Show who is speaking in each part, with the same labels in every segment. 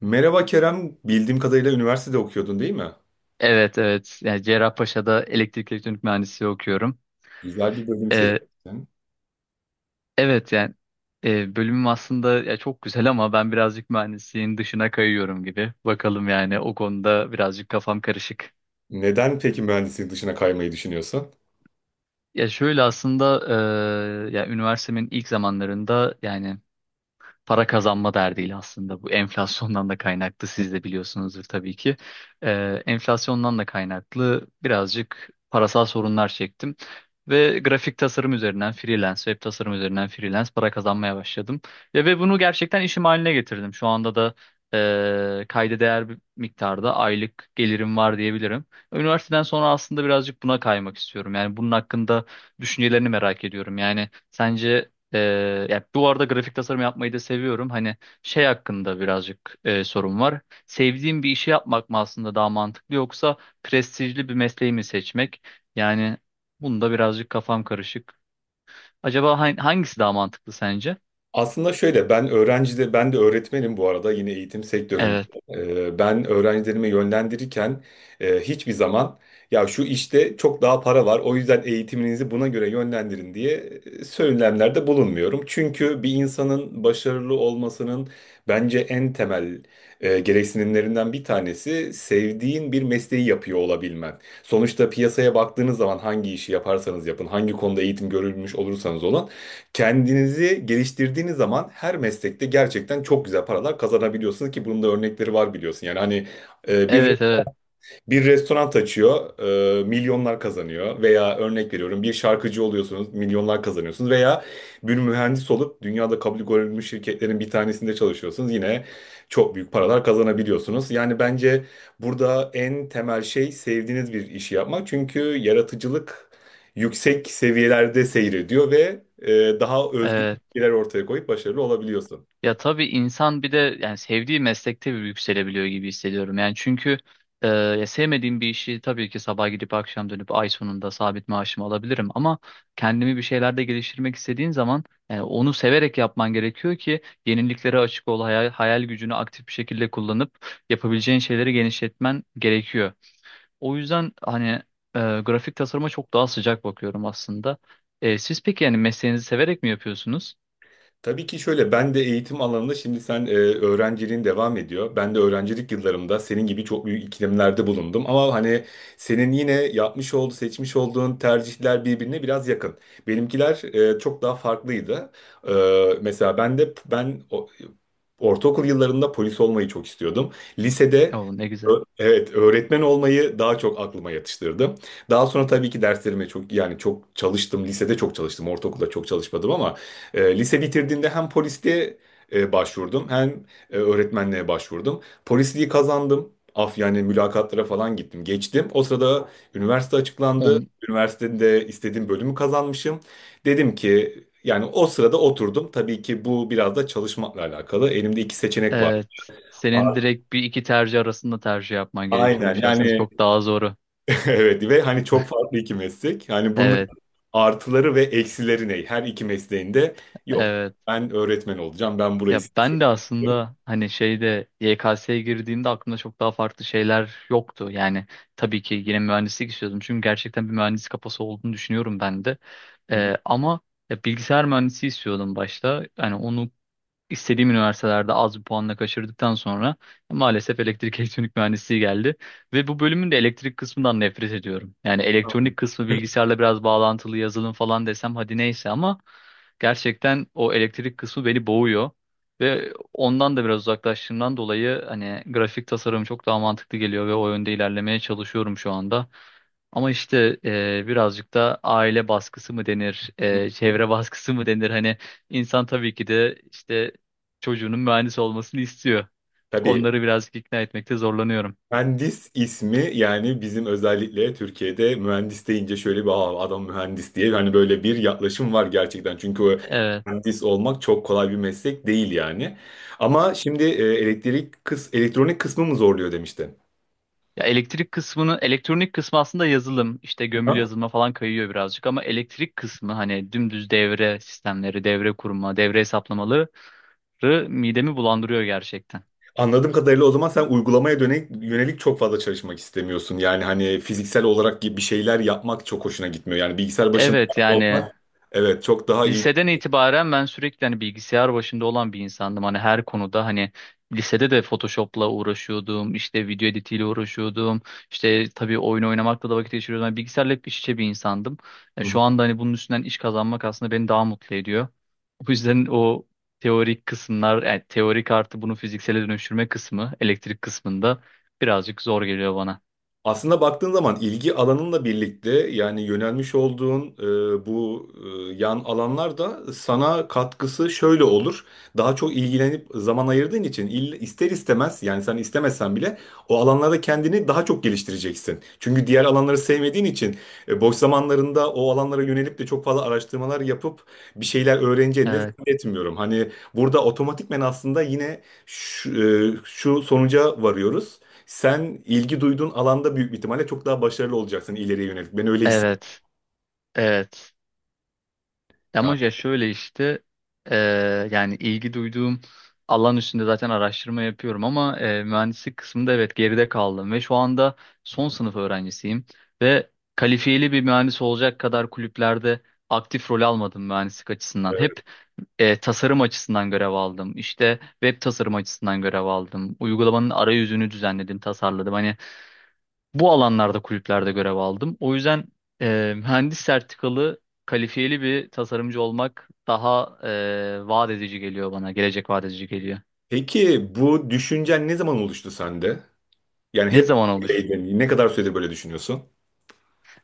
Speaker 1: Merhaba Kerem, bildiğim kadarıyla üniversitede okuyordun değil mi?
Speaker 2: Evet evet. Yani Cerrahpaşa'da elektrik elektronik mühendisliği okuyorum.
Speaker 1: Güzel bir bölüm
Speaker 2: Ee,
Speaker 1: seçtin.
Speaker 2: evet yani bölümüm aslında ya çok güzel ama ben birazcık mühendisliğin dışına kayıyorum gibi. Bakalım yani o konuda birazcık kafam karışık.
Speaker 1: Neden peki mühendislik dışına kaymayı düşünüyorsun?
Speaker 2: Ya şöyle aslında ya üniversitemin ilk zamanlarında yani para kazanma derdiyle aslında bu enflasyondan da kaynaklı siz de biliyorsunuzdur tabii ki. Enflasyondan da kaynaklı birazcık parasal sorunlar çektim. Ve grafik tasarım üzerinden freelance, web tasarım üzerinden freelance para kazanmaya başladım. Ve bunu gerçekten işim haline getirdim. Şu anda da kayda değer bir miktarda aylık gelirim var diyebilirim. Üniversiteden sonra aslında birazcık buna kaymak istiyorum. Yani bunun hakkında düşüncelerini merak ediyorum. Yani sence ee, ya bu arada grafik tasarım yapmayı da seviyorum. Hani şey hakkında birazcık sorun var. Sevdiğim bir işi yapmak mı aslında daha mantıklı yoksa prestijli bir mesleği mi seçmek? Yani bunda birazcık kafam karışık. Acaba hangisi daha mantıklı sence?
Speaker 1: Aslında şöyle ben öğrencide ben de öğretmenim bu arada yine eğitim sektöründe.
Speaker 2: Evet.
Speaker 1: Ben öğrencilerimi yönlendirirken hiçbir zaman ya şu işte çok daha para var o yüzden eğitiminizi buna göre yönlendirin diye söylemlerde bulunmuyorum. Çünkü bir insanın başarılı olmasının bence en temel gereksinimlerinden bir tanesi sevdiğin bir mesleği yapıyor olabilmen. Sonuçta piyasaya baktığınız zaman hangi işi yaparsanız yapın, hangi konuda eğitim görülmüş olursanız olun, kendinizi geliştirdiğiniz zaman her meslekte gerçekten çok güzel paralar kazanabiliyorsunuz ki bunun da örnekleri var biliyorsun. Yani hani e, bir
Speaker 2: Evet, evet.
Speaker 1: bir restoran açıyor, milyonlar kazanıyor veya örnek veriyorum bir şarkıcı oluyorsunuz, milyonlar kazanıyorsunuz veya bir mühendis olup dünyada kabul görülmüş şirketlerin bir tanesinde çalışıyorsunuz yine çok büyük paralar kazanabiliyorsunuz. Yani bence burada en temel şey sevdiğiniz bir işi yapmak çünkü yaratıcılık yüksek seviyelerde seyrediyor ve daha özgün
Speaker 2: Evet.
Speaker 1: fikirler ortaya koyup başarılı olabiliyorsun.
Speaker 2: Ya tabii insan bir de yani sevdiği meslekte bir yükselebiliyor gibi hissediyorum. Yani çünkü ya sevmediğim bir işi tabii ki sabah gidip akşam dönüp ay sonunda sabit maaşımı alabilirim. Ama kendimi bir şeylerde geliştirmek istediğin zaman yani onu severek yapman gerekiyor ki yeniliklere açık ol, hayal gücünü aktif bir şekilde kullanıp yapabileceğin şeyleri genişletmen gerekiyor. O yüzden hani e, grafik tasarıma çok daha sıcak bakıyorum aslında. Siz peki yani mesleğinizi severek mi yapıyorsunuz?
Speaker 1: Tabii ki şöyle ben de eğitim alanında şimdi sen öğrenciliğin devam ediyor. Ben de öğrencilik yıllarımda senin gibi çok büyük ikilemlerde bulundum. Ama hani senin yine yapmış olduğu, seçmiş olduğun tercihler birbirine biraz yakın. Benimkiler çok daha farklıydı. E, mesela ben de ortaokul yıllarında polis olmayı çok istiyordum. Lisede
Speaker 2: Oo, ne güzel.
Speaker 1: evet, öğretmen olmayı daha çok aklıma yatıştırdım. Daha sonra tabii ki derslerime çok yani çok çalıştım. Lisede çok çalıştım, ortaokulda çok çalışmadım ama lise bitirdiğimde hem polisliğe başvurdum hem öğretmenliğe başvurdum. Polisliği kazandım. Af yani mülakatlara falan gittim. Geçtim. O sırada üniversite açıklandı. Üniversitede istediğim bölümü kazanmışım. Dedim ki yani o sırada oturdum. Tabii ki bu biraz da çalışmakla alakalı. Elimde iki seçenek var.
Speaker 2: Evet. Senin
Speaker 1: A-
Speaker 2: direkt bir iki tercih arasında tercih yapman
Speaker 1: Aynen
Speaker 2: gerekiyormuş aslında.
Speaker 1: yani
Speaker 2: Çok daha zoru.
Speaker 1: evet ve hani çok farklı iki meslek. Yani bunun
Speaker 2: Evet,
Speaker 1: artıları ve eksileri ne? Her iki mesleğinde yok.
Speaker 2: evet.
Speaker 1: Ben öğretmen olacağım. Ben burayı
Speaker 2: Ya ben de
Speaker 1: seçiyorum.
Speaker 2: aslında hani şeyde YKS'ye girdiğimde aklımda çok daha farklı şeyler yoktu. Yani tabii ki yine mühendislik istiyordum. Çünkü gerçekten bir mühendis kafası olduğunu düşünüyorum ben de. Ama ya bilgisayar mühendisi istiyordum başta. Yani onu istediğim üniversitelerde az bir puanla kaçırdıktan sonra maalesef elektrik elektronik mühendisliği geldi. Ve bu bölümün de elektrik kısmından nefret ediyorum. Yani elektronik kısmı bilgisayarla biraz bağlantılı yazılım falan desem hadi neyse ama gerçekten o elektrik kısmı beni boğuyor. Ve ondan da biraz uzaklaştığımdan dolayı hani grafik tasarım çok daha mantıklı geliyor ve o yönde ilerlemeye çalışıyorum şu anda. Ama işte birazcık da aile baskısı mı denir, çevre baskısı mı denir? Hani insan tabii ki de işte çocuğunun mühendis olmasını istiyor.
Speaker 1: Tabii
Speaker 2: Onları birazcık ikna etmekte zorlanıyorum.
Speaker 1: mühendis ismi yani bizim özellikle Türkiye'de mühendis deyince şöyle bir, aa, adam mühendis diye hani böyle bir yaklaşım var gerçekten. Çünkü o
Speaker 2: Evet.
Speaker 1: mühendis olmak çok kolay bir meslek değil yani. Ama şimdi elektrik elektronik kısmı mı zorluyor demiştin.
Speaker 2: Ya elektrik kısmını, elektronik kısmı aslında yazılım, işte gömülü
Speaker 1: Aha.
Speaker 2: yazılıma falan kayıyor birazcık ama elektrik kısmı hani dümdüz devre sistemleri, devre kurma, devre hesaplamaları midemi bulandırıyor gerçekten.
Speaker 1: Anladığım kadarıyla o zaman sen uygulamaya dönelik, yönelik çok fazla çalışmak istemiyorsun. Yani hani fiziksel olarak gibi bir şeyler yapmak çok hoşuna gitmiyor. Yani bilgisayar başında
Speaker 2: Evet
Speaker 1: olmak
Speaker 2: yani
Speaker 1: evet çok daha iyi.
Speaker 2: liseden itibaren ben sürekli hani bilgisayar başında olan bir insandım. Hani her konuda hani lisede de Photoshop'la uğraşıyordum, işte video editiyle uğraşıyordum. İşte tabii oyun oynamakla da vakit geçiriyordum. Yani bilgisayarla hep iç içe bir insandım. Yani şu anda hani bunun üstünden iş kazanmak aslında beni daha mutlu ediyor. O yüzden o teorik kısımlar, yani teorik artı bunu fiziksele dönüştürme kısmı, elektrik kısmında birazcık zor geliyor bana.
Speaker 1: Aslında baktığın zaman ilgi alanınla birlikte yani yönelmiş olduğun bu yan alanlar da sana katkısı şöyle olur. Daha çok ilgilenip zaman ayırdığın için ister istemez yani sen istemesen bile o alanlarda kendini daha çok geliştireceksin. Çünkü diğer alanları sevmediğin için boş zamanlarında o alanlara yönelip de çok fazla araştırmalar yapıp bir şeyler öğreneceğini de
Speaker 2: Evet,
Speaker 1: zannetmiyorum. Hani burada otomatikmen aslında yine şu sonuca varıyoruz. Sen ilgi duyduğun alanda büyük bir ihtimalle çok daha başarılı olacaksın ileriye yönelik. Ben öyle hissediyorum.
Speaker 2: evet, evet. Ama
Speaker 1: Yani,
Speaker 2: ya şöyle işte e, yani ilgi duyduğum alan üstünde zaten araştırma yapıyorum ama mühendislik kısmında evet geride kaldım ve şu anda son sınıf öğrencisiyim ve kalifiyeli bir mühendis olacak kadar kulüplerde aktif rol almadım mühendislik açısından. Hep
Speaker 1: evet.
Speaker 2: tasarım açısından görev aldım. İşte web tasarım açısından görev aldım. Uygulamanın arayüzünü düzenledim, tasarladım. Hani bu alanlarda kulüplerde görev aldım. O yüzden mühendis sertifikalı kalifiyeli bir tasarımcı olmak daha vaat edici geliyor bana. Gelecek vaat edici geliyor.
Speaker 1: Peki bu düşüncen ne zaman oluştu sende? Yani
Speaker 2: Ne
Speaker 1: hep
Speaker 2: zaman olur?
Speaker 1: böyleydin. Ne kadar süredir böyle düşünüyorsun?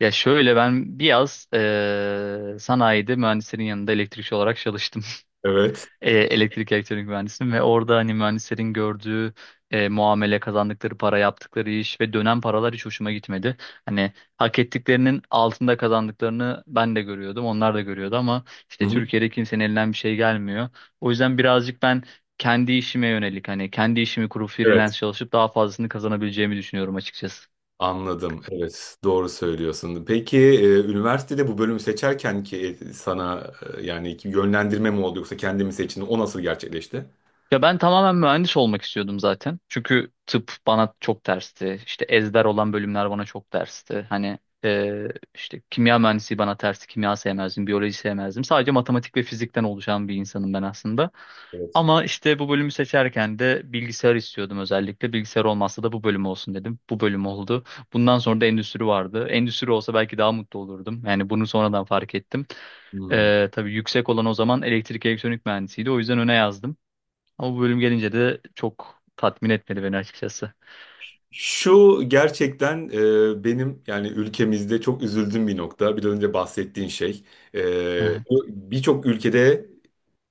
Speaker 2: Ya şöyle ben bir yaz sanayide mühendislerin yanında elektrikçi olarak çalıştım.
Speaker 1: Evet.
Speaker 2: Elektrik elektronik mühendisiyim ve orada hani mühendislerin gördüğü muamele, kazandıkları para, yaptıkları iş ve dönen paralar hiç hoşuma gitmedi. Hani hak ettiklerinin altında kazandıklarını ben de görüyordum, onlar da görüyordu ama
Speaker 1: Hı
Speaker 2: işte
Speaker 1: hı.
Speaker 2: Türkiye'de kimsenin elinden bir şey gelmiyor. O yüzden birazcık ben kendi işime yönelik hani kendi işimi kurup
Speaker 1: Evet.
Speaker 2: freelance çalışıp daha fazlasını kazanabileceğimi düşünüyorum açıkçası.
Speaker 1: Anladım. Evet. Doğru söylüyorsun. Peki üniversitede bu bölümü seçerken ki sana yani ki yönlendirme mi oldu yoksa kendimi seçtin? O nasıl gerçekleşti?
Speaker 2: Ya ben tamamen mühendis olmak istiyordum zaten. Çünkü tıp bana çok tersti. İşte ezber olan bölümler bana çok tersti. Hani e, işte kimya mühendisi bana tersti. Kimya sevmezdim, biyoloji sevmezdim. Sadece matematik ve fizikten oluşan bir insanım ben aslında.
Speaker 1: Evet.
Speaker 2: Ama işte bu bölümü seçerken de bilgisayar istiyordum özellikle. Bilgisayar olmazsa da bu bölüm olsun dedim. Bu bölüm oldu. Bundan sonra da endüstri vardı. Endüstri olsa belki daha mutlu olurdum. Yani bunu sonradan fark ettim.
Speaker 1: Hmm.
Speaker 2: Tabii yüksek olan o zaman elektrik elektronik mühendisiydi. O yüzden öne yazdım. Ama bu bölüm gelince de çok tatmin etmedi beni açıkçası.
Speaker 1: Şu gerçekten benim yani ülkemizde çok üzüldüğüm bir nokta. Bir önce bahsettiğin şey. E,
Speaker 2: Evet.
Speaker 1: birçok ülkede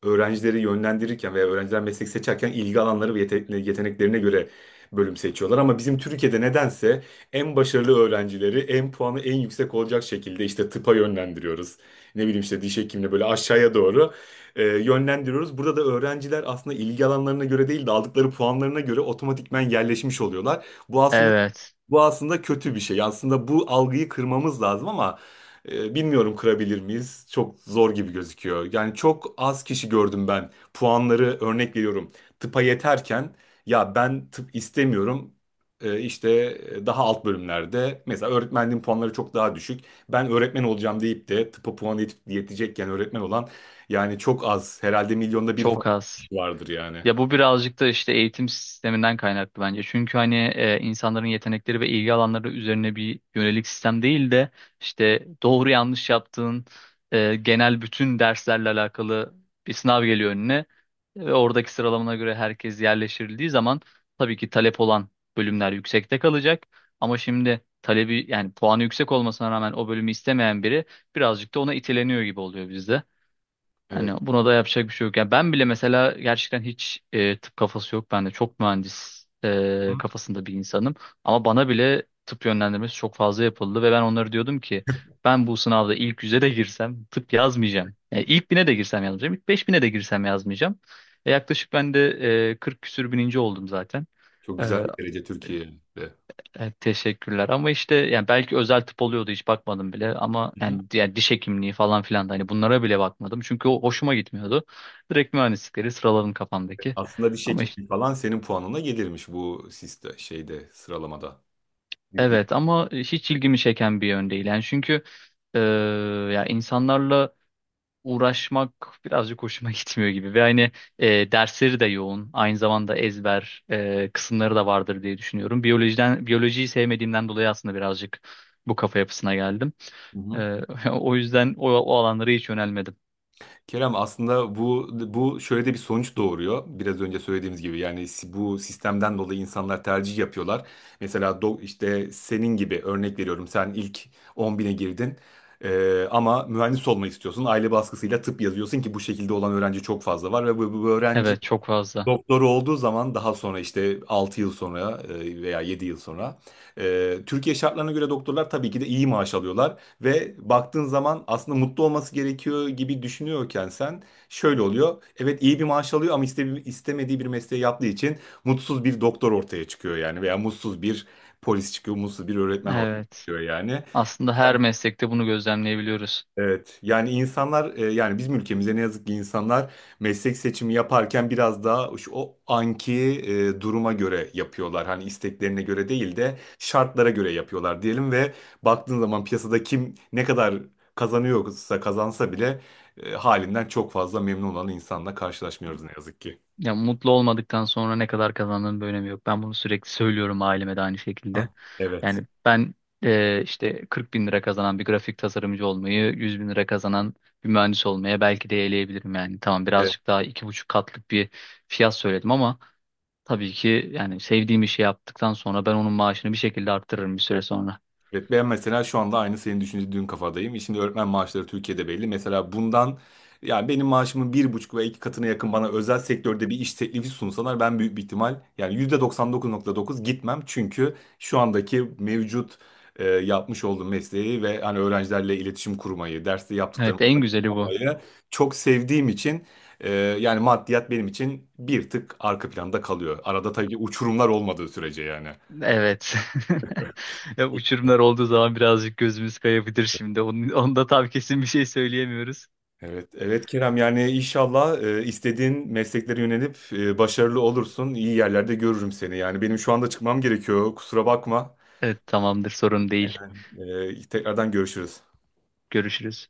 Speaker 1: öğrencileri yönlendirirken veya öğrenciler meslek seçerken ilgi alanları ve yeteneklerine göre bölüm seçiyorlar. Ama bizim Türkiye'de nedense en başarılı öğrencileri en puanı en yüksek olacak şekilde işte tıpa yönlendiriyoruz. Ne bileyim işte diş hekimliğine böyle aşağıya doğru yönlendiriyoruz. Burada da öğrenciler aslında ilgi alanlarına göre değil de aldıkları puanlarına göre otomatikmen yerleşmiş oluyorlar. Bu aslında
Speaker 2: Evet.
Speaker 1: bu aslında kötü bir şey. Aslında bu algıyı kırmamız lazım ama bilmiyorum, kırabilir miyiz? Çok zor gibi gözüküyor. Yani çok az kişi gördüm ben. Puanları örnek veriyorum. Tıpa yeterken ya ben tıp istemiyorum. İşte daha alt bölümlerde mesela öğretmenliğin puanları çok daha düşük. Ben öğretmen olacağım deyip de tıpa puan yetecekken öğretmen olan yani çok az. Herhalde milyonda bir falan
Speaker 2: Çok az.
Speaker 1: kişi vardır yani.
Speaker 2: Ya bu birazcık da işte eğitim sisteminden kaynaklı bence. Çünkü hani insanların yetenekleri ve ilgi alanları üzerine bir yönelik sistem değil de işte doğru yanlış yaptığın genel bütün derslerle alakalı bir sınav geliyor önüne. Ve oradaki sıralamana göre herkes yerleştirildiği zaman tabii ki talep olan bölümler yüksekte kalacak. Ama şimdi talebi yani puanı yüksek olmasına rağmen o bölümü istemeyen biri birazcık da ona iteleniyor gibi oluyor bizde.
Speaker 1: Evet.
Speaker 2: Hani buna da yapacak bir şey yok. Yani ben bile mesela gerçekten hiç tıp kafası yok. Ben de çok mühendis
Speaker 1: Hı?
Speaker 2: kafasında bir insanım. Ama bana bile tıp yönlendirmesi çok fazla yapıldı ve ben onlara diyordum ki ben bu sınavda ilk yüze de girsem tıp yazmayacağım. Yani ilk bine de girsem yazmayacağım. İlk beş bine de girsem yazmayacağım. Yaklaşık ben de 40 küsür bininci oldum zaten.
Speaker 1: Çok
Speaker 2: E,
Speaker 1: güzel bir derece Türkiye'de.
Speaker 2: Evet, teşekkürler ama işte yani belki özel tıp oluyordu hiç bakmadım bile ama yani diğer diş hekimliği falan filan da hani bunlara bile bakmadım çünkü o hoşuma gitmiyordu. Direkt mühendislikleri sıraladım kafamdaki.
Speaker 1: Aslında diş
Speaker 2: Ama işte
Speaker 1: hekimliği falan senin puanına gelirmiş bu siste şeyde sıralamada. Bir- bir-
Speaker 2: evet ama hiç ilgimi çeken bir yön değil yani çünkü e, ya insanlarla uğraşmak birazcık hoşuma gitmiyor gibi ve hani dersleri de yoğun aynı zamanda ezber kısımları da vardır diye düşünüyorum. Biyolojiden biyolojiyi sevmediğimden dolayı aslında birazcık bu kafa yapısına geldim.
Speaker 1: Hı hı.
Speaker 2: E, o yüzden o alanlara hiç yönelmedim.
Speaker 1: Kerem aslında bu bu şöyle de bir sonuç doğuruyor. Biraz önce söylediğimiz gibi yani bu sistemden dolayı insanlar tercih yapıyorlar. Mesela işte senin gibi örnek veriyorum sen ilk 10 bine girdin. Ama mühendis olmak istiyorsun. Aile baskısıyla tıp yazıyorsun ki bu şekilde olan öğrenci çok fazla var ve bu öğrenci
Speaker 2: Evet çok fazla.
Speaker 1: soru olduğu zaman daha sonra işte 6 yıl sonra veya 7 yıl sonra Türkiye şartlarına göre doktorlar tabii ki de iyi maaş alıyorlar ve baktığın zaman aslında mutlu olması gerekiyor gibi düşünüyorken sen şöyle oluyor. Evet iyi bir maaş alıyor ama istemediği bir mesleği yaptığı için mutsuz bir doktor ortaya çıkıyor yani veya mutsuz bir polis çıkıyor, mutsuz bir öğretmen ortaya
Speaker 2: Evet.
Speaker 1: çıkıyor yani.
Speaker 2: Aslında her meslekte bunu gözlemleyebiliyoruz.
Speaker 1: Evet yani insanlar yani bizim ülkemizde ne yazık ki insanlar meslek seçimi yaparken biraz daha o anki duruma göre yapıyorlar. Hani isteklerine göre değil de şartlara göre yapıyorlar diyelim ve baktığın zaman piyasada kim ne kadar kazanıyorsa kazansa bile halinden çok fazla memnun olan insanla karşılaşmıyoruz ne yazık ki.
Speaker 2: Ya mutlu olmadıktan sonra ne kadar kazandığının bir önemi yok. Ben bunu sürekli söylüyorum aileme de aynı şekilde.
Speaker 1: Ha. Evet.
Speaker 2: Yani ben işte 40 bin lira kazanan bir grafik tasarımcı olmayı, 100 bin lira kazanan bir mühendis olmaya belki de eleyebilirim yani. Tamam
Speaker 1: e,
Speaker 2: birazcık daha iki buçuk katlık bir fiyat söyledim ama tabii ki yani sevdiğim işi yaptıktan sonra ben onun maaşını bir şekilde arttırırım bir süre sonra.
Speaker 1: Evet, ben mesela şu anda aynı senin düşündüğün kafadayım. E, şimdi öğretmen maaşları Türkiye'de belli. Mesela bundan yani benim maaşımın 1,5 veya 2 katına yakın bana özel sektörde bir iş teklifi sunsalar ben büyük bir ihtimal yani %99,9 gitmem. Çünkü şu andaki mevcut yapmış olduğum mesleği ve hani öğrencilerle iletişim kurmayı, derste yaptıklarımı
Speaker 2: Evet en güzeli bu.
Speaker 1: olmayı çok sevdiğim için e, yani maddiyat benim için bir tık arka planda kalıyor. Arada tabii ki uçurumlar olmadığı sürece yani.
Speaker 2: Evet. Ya uçurumlar olduğu zaman birazcık gözümüz kayabilir şimdi. Onda tam kesin bir şey söyleyemiyoruz.
Speaker 1: Evet, evet Kerem yani inşallah istediğin mesleklere yönelip başarılı olursun. İyi yerlerde görürüm seni. Yani benim şu anda çıkmam gerekiyor. Kusura bakma.
Speaker 2: Evet, tamamdır, sorun değil.
Speaker 1: Tekrardan görüşürüz.
Speaker 2: Görüşürüz.